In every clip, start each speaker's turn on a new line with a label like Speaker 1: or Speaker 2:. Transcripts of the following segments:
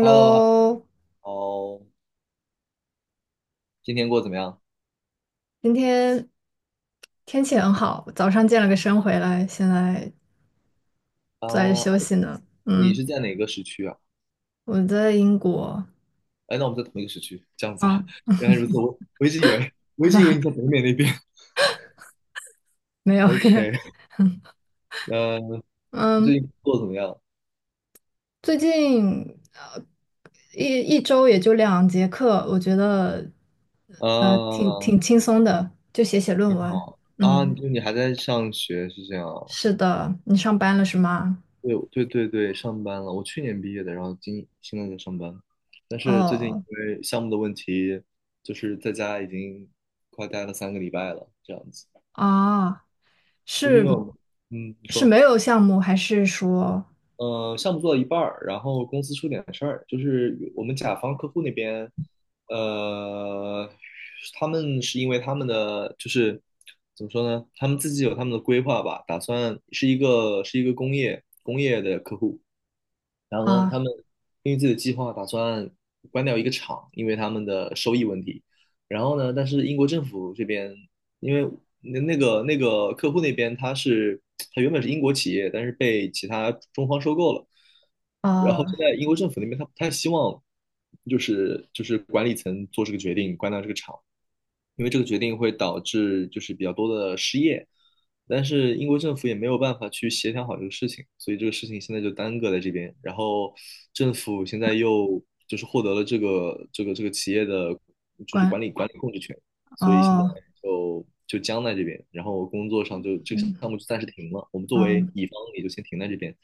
Speaker 1: Hello，哦，今天过得怎么样？
Speaker 2: 今天天气很好，早上健了个身回来，现在
Speaker 1: 啊、
Speaker 2: 坐在休息呢。
Speaker 1: 你
Speaker 2: 嗯，
Speaker 1: 是在哪个时区啊？
Speaker 2: 我在英国
Speaker 1: 哎，那我们在同一个时区，这样子啊？
Speaker 2: 啊，
Speaker 1: 原来如此，我一直以为，我一直以为你在 北美那边。
Speaker 2: 没有，
Speaker 1: OK，那
Speaker 2: 嗯，
Speaker 1: 最近过得怎么样？
Speaker 2: 最近呃一周也就2节课，我觉得呃挺
Speaker 1: 啊
Speaker 2: 挺轻松的，就写写论文。
Speaker 1: 啊，
Speaker 2: 嗯，
Speaker 1: 就你还在上学是这样啊
Speaker 2: 是的，你上班了是吗？
Speaker 1: 对对对对，上班了。我去年毕业的，然后今现在在上班，但是最近因
Speaker 2: 哦
Speaker 1: 为项目的问题，就是在家已经快待了三个礼拜了，这样子。
Speaker 2: 啊，
Speaker 1: 就是因为我
Speaker 2: 是
Speaker 1: 们，嗯，你
Speaker 2: 是
Speaker 1: 说。
Speaker 2: 没有项目还是说
Speaker 1: 呃，项目做到一半儿，然后公司出点事儿，就是我们甲方客户那边，呃，他们是因为他们的就是怎么说呢，他们自己有他们的规划吧，打算是一个是一个工业的客户，然后呢，他
Speaker 2: 啊？
Speaker 1: 们根据自己的计划打算关掉一个厂，因为他们的收益问题，然后呢，但是英国政府这边。因为那个客户那边他原本是英国企业，但是被其他中方收购了，然后
Speaker 2: 哦，
Speaker 1: 现在英国政府那边他不太希望，就是管理层做这个决定关掉这个厂，因为这个决定会导致就是比较多的失业，但是英国政府也没有办法去协调好这个事情，所以这个事情现在就耽搁在这边。然后政府现在又就是获得了这个企业的，就是管
Speaker 2: 关
Speaker 1: 理管理控制权，所以现在
Speaker 2: 哦，
Speaker 1: 就僵在这边，然后工作上就这个
Speaker 2: 嗯
Speaker 1: 项目就暂时停了。我们作为
Speaker 2: 嗯，
Speaker 1: 乙方也就先停在这边。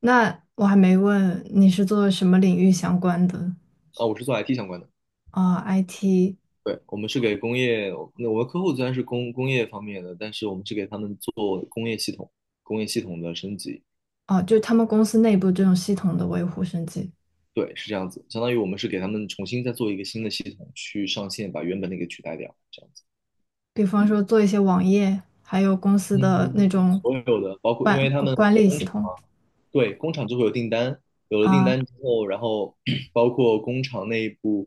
Speaker 2: 那我还没问你是做什么领域相关的
Speaker 1: 啊，我是做 IT 相关的，
Speaker 2: 啊 IT
Speaker 1: 对，我们是给工业，那我的客户虽然是工工业方面的，但是我们是给他们做工业系统、工业系统的升级，
Speaker 2: 哦，就是他们公司内部这种系统的维护升级，
Speaker 1: 对，是这样子，相当于我们是给他们重新再做一个新的系统去上线，把原本那个取代掉，这样子。
Speaker 2: 比方说做一些网页，还有公司的那
Speaker 1: 嗯，
Speaker 2: 种
Speaker 1: 所有的包括因
Speaker 2: 管
Speaker 1: 为他们
Speaker 2: 管理
Speaker 1: 工
Speaker 2: 系
Speaker 1: 厂
Speaker 2: 统
Speaker 1: 嘛，对，工厂就会有订单，有了订
Speaker 2: 啊，
Speaker 1: 单之后，然后 包括工厂内部，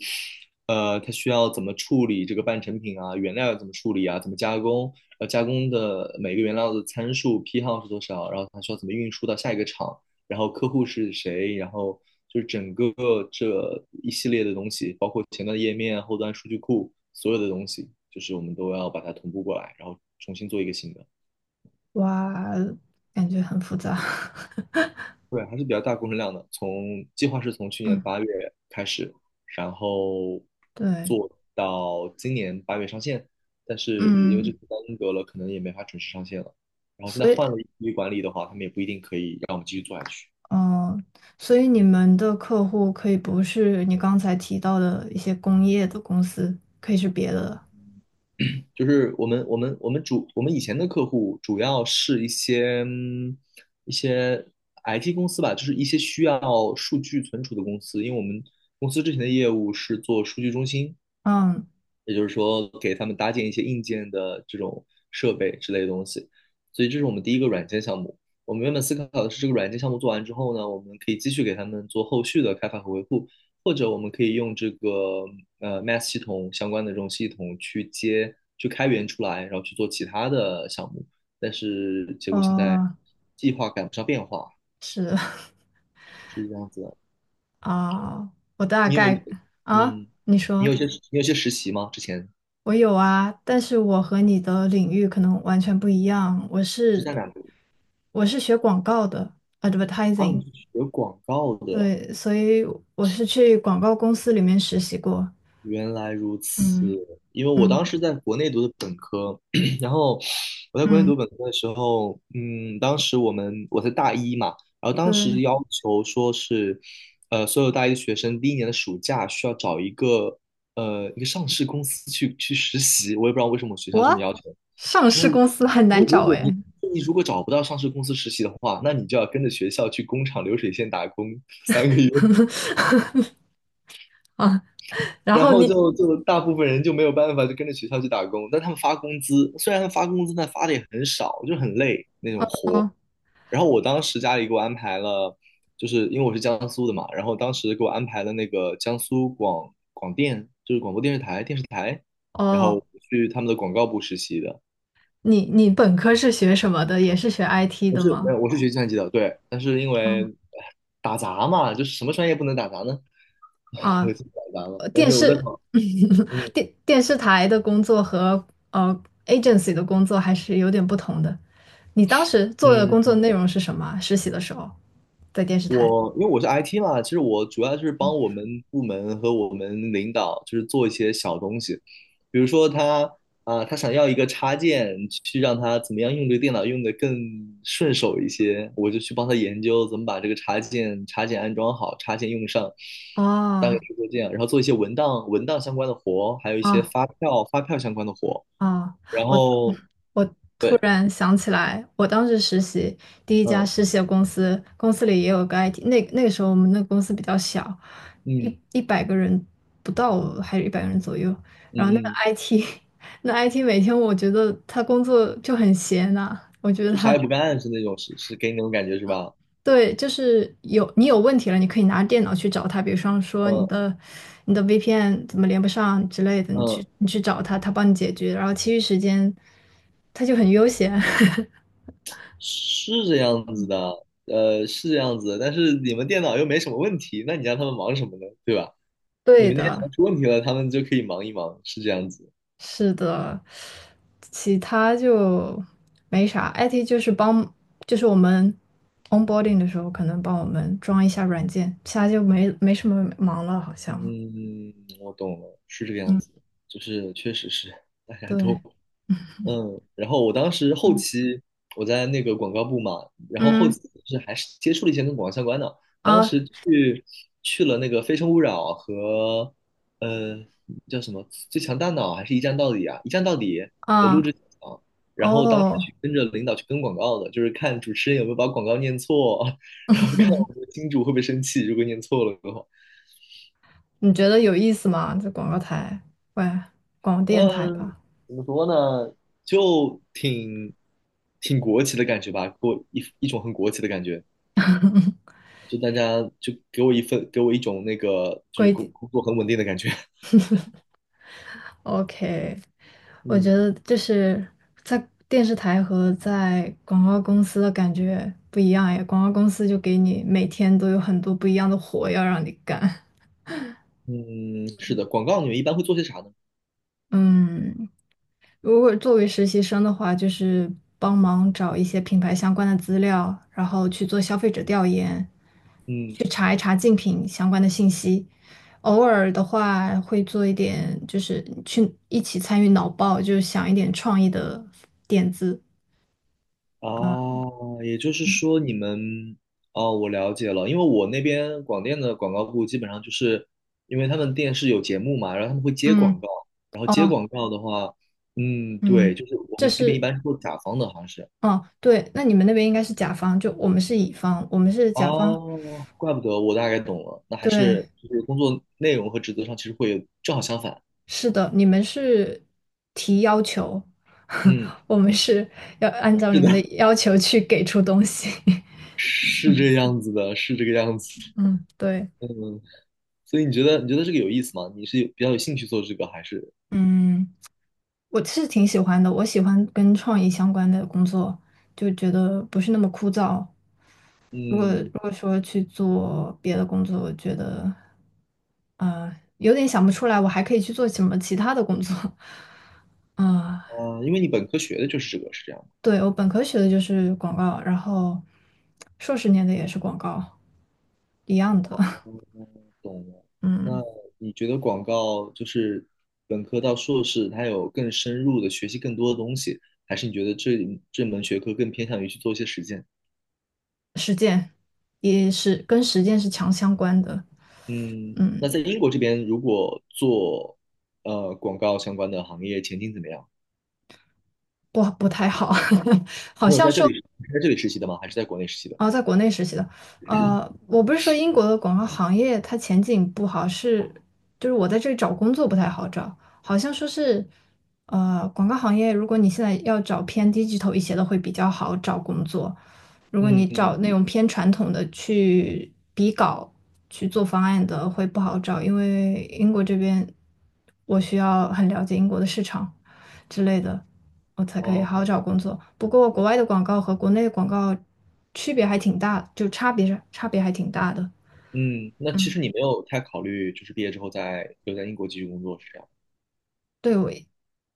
Speaker 1: 呃，它需要怎么处理这个半成品啊，原料要怎么处理啊，怎么加工，呃，加工的每个原料的参数批号是多少，然后它需要怎么运输到下一个厂，然后客户是谁，然后就是整个这一系列的东西，包括前端页面、后端数据库，所有的东西，就是我们都要把它同步过来，然后重新做一个新的。
Speaker 2: 哇，感觉很复杂。
Speaker 1: 对，还是比较大工程量的。从计划是从去年
Speaker 2: 嗯，
Speaker 1: 八月开始，然后
Speaker 2: 对，
Speaker 1: 做到今年八月上线，但是因为这
Speaker 2: 嗯，
Speaker 1: 次耽搁了，可能也没法准时上线了。然后现在
Speaker 2: 所
Speaker 1: 换了
Speaker 2: 以
Speaker 1: 一批管理的话，他们也不一定可以让我们继续做下去。
Speaker 2: 嗯，所以你们的客户可以不是你刚才提到的一些工业的公司，可以是别的。
Speaker 1: 就是我们以前的客户主要是一些嗯一些 IT 公司吧，就是一些需要数据存储的公司，因为我们公司之前的业务是做数据中心，
Speaker 2: 嗯，
Speaker 1: 也就是说给他们搭建一些硬件的这种设备之类的东西。所以这是我们第一个软件项目。我们原本思考的是，这个软件项目做完之后呢，我们可以继续给他们做后续的开发和维护，或者我们可以用这个Math 系统相关的这种系统去接、去开源出来，然后去做其他的项目。但是结果现在
Speaker 2: 呃，
Speaker 1: 计划赶不上变化，
Speaker 2: 是
Speaker 1: 是这样子的。
Speaker 2: 啊，我大
Speaker 1: 你有，
Speaker 2: 概啊，
Speaker 1: 嗯，
Speaker 2: 你
Speaker 1: 你
Speaker 2: 说
Speaker 1: 有一些你有一些实习吗？之前
Speaker 2: 我有啊，但是我和你的领域可能完全不一样。我
Speaker 1: 你是
Speaker 2: 是
Speaker 1: 在哪里？
Speaker 2: 我是学广告的
Speaker 1: 啊，
Speaker 2: ，advertising，
Speaker 1: 你是学广告的，
Speaker 2: 对，所以我是去广告公司里面实习过。
Speaker 1: 原来如此。
Speaker 2: 嗯
Speaker 1: 因为我
Speaker 2: 嗯
Speaker 1: 当时在国内读的本科，然后我在国内
Speaker 2: 嗯，
Speaker 1: 读本科的时候，嗯，当时我在大一嘛，然后当
Speaker 2: 对。
Speaker 1: 时要求说是，呃，所有大一的学生第一年的暑假需要找一个一个上市公司去实习，我也不知道为什么我学校这么
Speaker 2: 我
Speaker 1: 要求，
Speaker 2: 上
Speaker 1: 就是
Speaker 2: 市公司很
Speaker 1: 说
Speaker 2: 难
Speaker 1: 如
Speaker 2: 找
Speaker 1: 果你
Speaker 2: 哎，
Speaker 1: 你如果找不到上市公司实习的话，那你就要跟着学校去工厂流水线打工三个月。
Speaker 2: 啊，然
Speaker 1: 然
Speaker 2: 后
Speaker 1: 后
Speaker 2: 你，
Speaker 1: 就大部分人就没有办法，就跟着学校去打工。但他们发工资，虽然发工资，但发的也很少，就很累那种活。
Speaker 2: 嗯，
Speaker 1: 然后我当时家里给我安排了，就是因为我是江苏的嘛，然后当时给我安排了那个江苏广广电，就是广播电视台，然后我
Speaker 2: 哦，
Speaker 1: 去他们的广告部实习的。
Speaker 2: 你本科是学什么的？也是学 IT
Speaker 1: 我
Speaker 2: 的
Speaker 1: 是没
Speaker 2: 吗？
Speaker 1: 有，我是学计算机的，对。但是因为
Speaker 2: 啊
Speaker 1: 哎打杂嘛，就是什么专业不能打杂呢？我
Speaker 2: 啊，
Speaker 1: 就打杂了。
Speaker 2: 呃
Speaker 1: 但
Speaker 2: 电
Speaker 1: 是我在
Speaker 2: 视
Speaker 1: 考，嗯
Speaker 2: 电视台的工作和agency 的工作还是有点不同的。你当时做的工作
Speaker 1: 嗯
Speaker 2: 内容是什么啊实习的时候在电视台？
Speaker 1: 我因为我是 IT 嘛，其实我主要就是帮我们部门和我们领导，就是做一些小东西，比如说他他想要一个插件，去让他怎么样用这个电脑用的更顺手一些，我就去帮他研究怎么把这个插件安装好，插件用上，
Speaker 2: 哦
Speaker 1: 大概是做这样，然后做一些文档相关的活，还有一些
Speaker 2: 哦
Speaker 1: 发票相关的活，
Speaker 2: 啊，
Speaker 1: 然
Speaker 2: 我
Speaker 1: 后
Speaker 2: 我突
Speaker 1: 对，
Speaker 2: 然想起来，我当时实习第一家
Speaker 1: 嗯
Speaker 2: 实习的公司，公司里也有个 IT，那个时候我们那个公司比较小，
Speaker 1: 嗯
Speaker 2: 一百个人不到，还是一百个人左右。然后那个
Speaker 1: 嗯嗯，
Speaker 2: IT，那 IT 每天我觉得他工作就很闲呐、我觉得
Speaker 1: 就啥
Speaker 2: 他
Speaker 1: 也不干是那种，是给你那种感觉是吧？
Speaker 2: 对，就是有你有问题了，你可以拿电脑去找他，比如说你
Speaker 1: 嗯
Speaker 2: 的你的 VPN 怎么连不上之类的，你去
Speaker 1: 嗯。
Speaker 2: 你去找他，他帮你解决，然后其余时间他就很悠闲。
Speaker 1: 是这样子的，呃，是这样子的但是你们电脑又没什么问题，那你让他们忙什么呢？对吧？你
Speaker 2: 对
Speaker 1: 们电脑
Speaker 2: 的，
Speaker 1: 出问题了，他们就可以忙一忙，是这样子。
Speaker 2: 是的，其他就没啥。IT 就是帮，就是我们 onboarding 的时候可能帮我们装一下软件，其他就没什么忙了，好像。
Speaker 1: 嗯，我懂了，是这个样
Speaker 2: 嗯，
Speaker 1: 子，就是确实是大家都
Speaker 2: 对，
Speaker 1: 嗯，然后我当时后
Speaker 2: 嗯
Speaker 1: 期我在那个广告部嘛，然后后
Speaker 2: 嗯
Speaker 1: 期是还是接触了一些跟广告相关的。当
Speaker 2: 啊
Speaker 1: 时去去了那个《非诚勿扰》和呃叫什么《最强大脑》还是一站到底啊，《一站到底》的录
Speaker 2: 啊
Speaker 1: 制现场然后当时
Speaker 2: 哦。
Speaker 1: 去跟着领导去跟广告的，就是看主持人有没有把广告念错，然后看我们的金主会不会生气，如果念错了的话。
Speaker 2: 你觉得有意思吗？这广告台，喂，广电台
Speaker 1: 嗯，
Speaker 2: 吧，
Speaker 1: 怎么说呢？就挺国企的感觉吧，给我一种很国企的感觉，就大家就给我一份，给我一种那个就是
Speaker 2: 规
Speaker 1: 工
Speaker 2: 定。
Speaker 1: 工作很稳定的感觉。
Speaker 2: OK，我觉
Speaker 1: 嗯
Speaker 2: 得就是在电视台和在广告公司的感觉不一样耶。广告公司就给你每天都有很多不一样的活要让你干。
Speaker 1: 嗯，是的，广告你们一般会做些啥呢？
Speaker 2: 嗯，如果作为实习生的话，就是帮忙找一些品牌相关的资料，然后去做消费者调研，
Speaker 1: 嗯
Speaker 2: 去查一查竞品相关的信息。偶尔的话，会做一点，就是去一起参与脑爆，就是想一点创意的点子。
Speaker 1: 啊，也就是说你们哦，我了解了，因为我那边广电的广告部基本上就是因为他们电视有节目嘛，然后他们会接广
Speaker 2: 嗯，
Speaker 1: 告，然后接
Speaker 2: 哦，
Speaker 1: 广告的话，嗯，对，
Speaker 2: 嗯，
Speaker 1: 就是我
Speaker 2: 这
Speaker 1: 们这边一
Speaker 2: 是，
Speaker 1: 般是做甲方的，好像是。
Speaker 2: 哦，对，那你们那边应该是甲方，就我们是乙方，我们是甲方。
Speaker 1: 哦，怪不得我大概懂了，那还
Speaker 2: 对，
Speaker 1: 是就是工作内容和职责上其实会有正好相反。
Speaker 2: 是的，你们是提要求，
Speaker 1: 嗯，
Speaker 2: 我们是要按照你
Speaker 1: 是
Speaker 2: 们的
Speaker 1: 的，
Speaker 2: 要求去给出东西。
Speaker 1: 是这个样子的，是这个样子。
Speaker 2: 嗯，对，
Speaker 1: 嗯，所以你觉得这个有意思吗？你是有比较有兴趣做这个，还是
Speaker 2: 嗯，我是挺喜欢的，我喜欢跟创意相关的工作，就觉得不是那么枯燥。如果如
Speaker 1: 嗯
Speaker 2: 果说去做别的工作，我觉得有点想不出来，我还可以去做什么其他的工作。啊、
Speaker 1: 啊，因为你本科学的就是这个，是这样吗
Speaker 2: 对，我本科学的就是广告，然后硕士念的也是广告，一样的。
Speaker 1: 懂了。那
Speaker 2: 嗯，
Speaker 1: 你觉得广告就是本科到硕士，它有更深入的学习更多的东西，还是你觉得这门学科更偏向于去做一些实践？
Speaker 2: 实践也是跟实践是强相关的，
Speaker 1: 嗯，
Speaker 2: 嗯，
Speaker 1: 那在英国这边，如果做呃广告相关的行业，前景怎么样？
Speaker 2: 不太好，好
Speaker 1: 你有
Speaker 2: 像
Speaker 1: 在这
Speaker 2: 说
Speaker 1: 里你是在这里实习的吗？还是在国内实习的？
Speaker 2: 哦，在国内实习的，我不是说英国的广告行业它前景不好，是就是我在这里找工作不太好找，好像说是，广告行业如果你现在要找偏低级头一些的会比较好找工作，如果你
Speaker 1: 嗯，
Speaker 2: 找那种偏传统的去比稿去做方案的会不好找，因为英国这边我需要很了解英国的市场。之类的，我才可以好
Speaker 1: 哦，
Speaker 2: 好找工作。不过国
Speaker 1: 了
Speaker 2: 外的广告和国内的广告区别还挺大，就差别是差别还挺大的。
Speaker 1: 嗯，那其
Speaker 2: 嗯，
Speaker 1: 实你没有太考虑，就是毕业之后在留在英国继续工作，是这样？
Speaker 2: 对，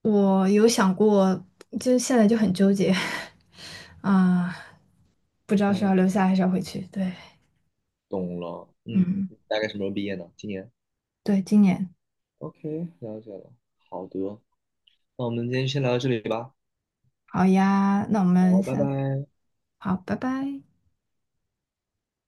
Speaker 2: 我有想过，就现在就很纠结，啊、不知道是
Speaker 1: 嗯，
Speaker 2: 要留下还是要回去。对
Speaker 1: 懂了。嗯，
Speaker 2: 嗯。
Speaker 1: 大概什么时候毕业呢？今年
Speaker 2: 对，今年
Speaker 1: ？OK，了解了。好的，那我们今天先聊到这里吧。
Speaker 2: 好呀，那我们
Speaker 1: 好，拜
Speaker 2: 下，
Speaker 1: 拜。
Speaker 2: 好，拜拜。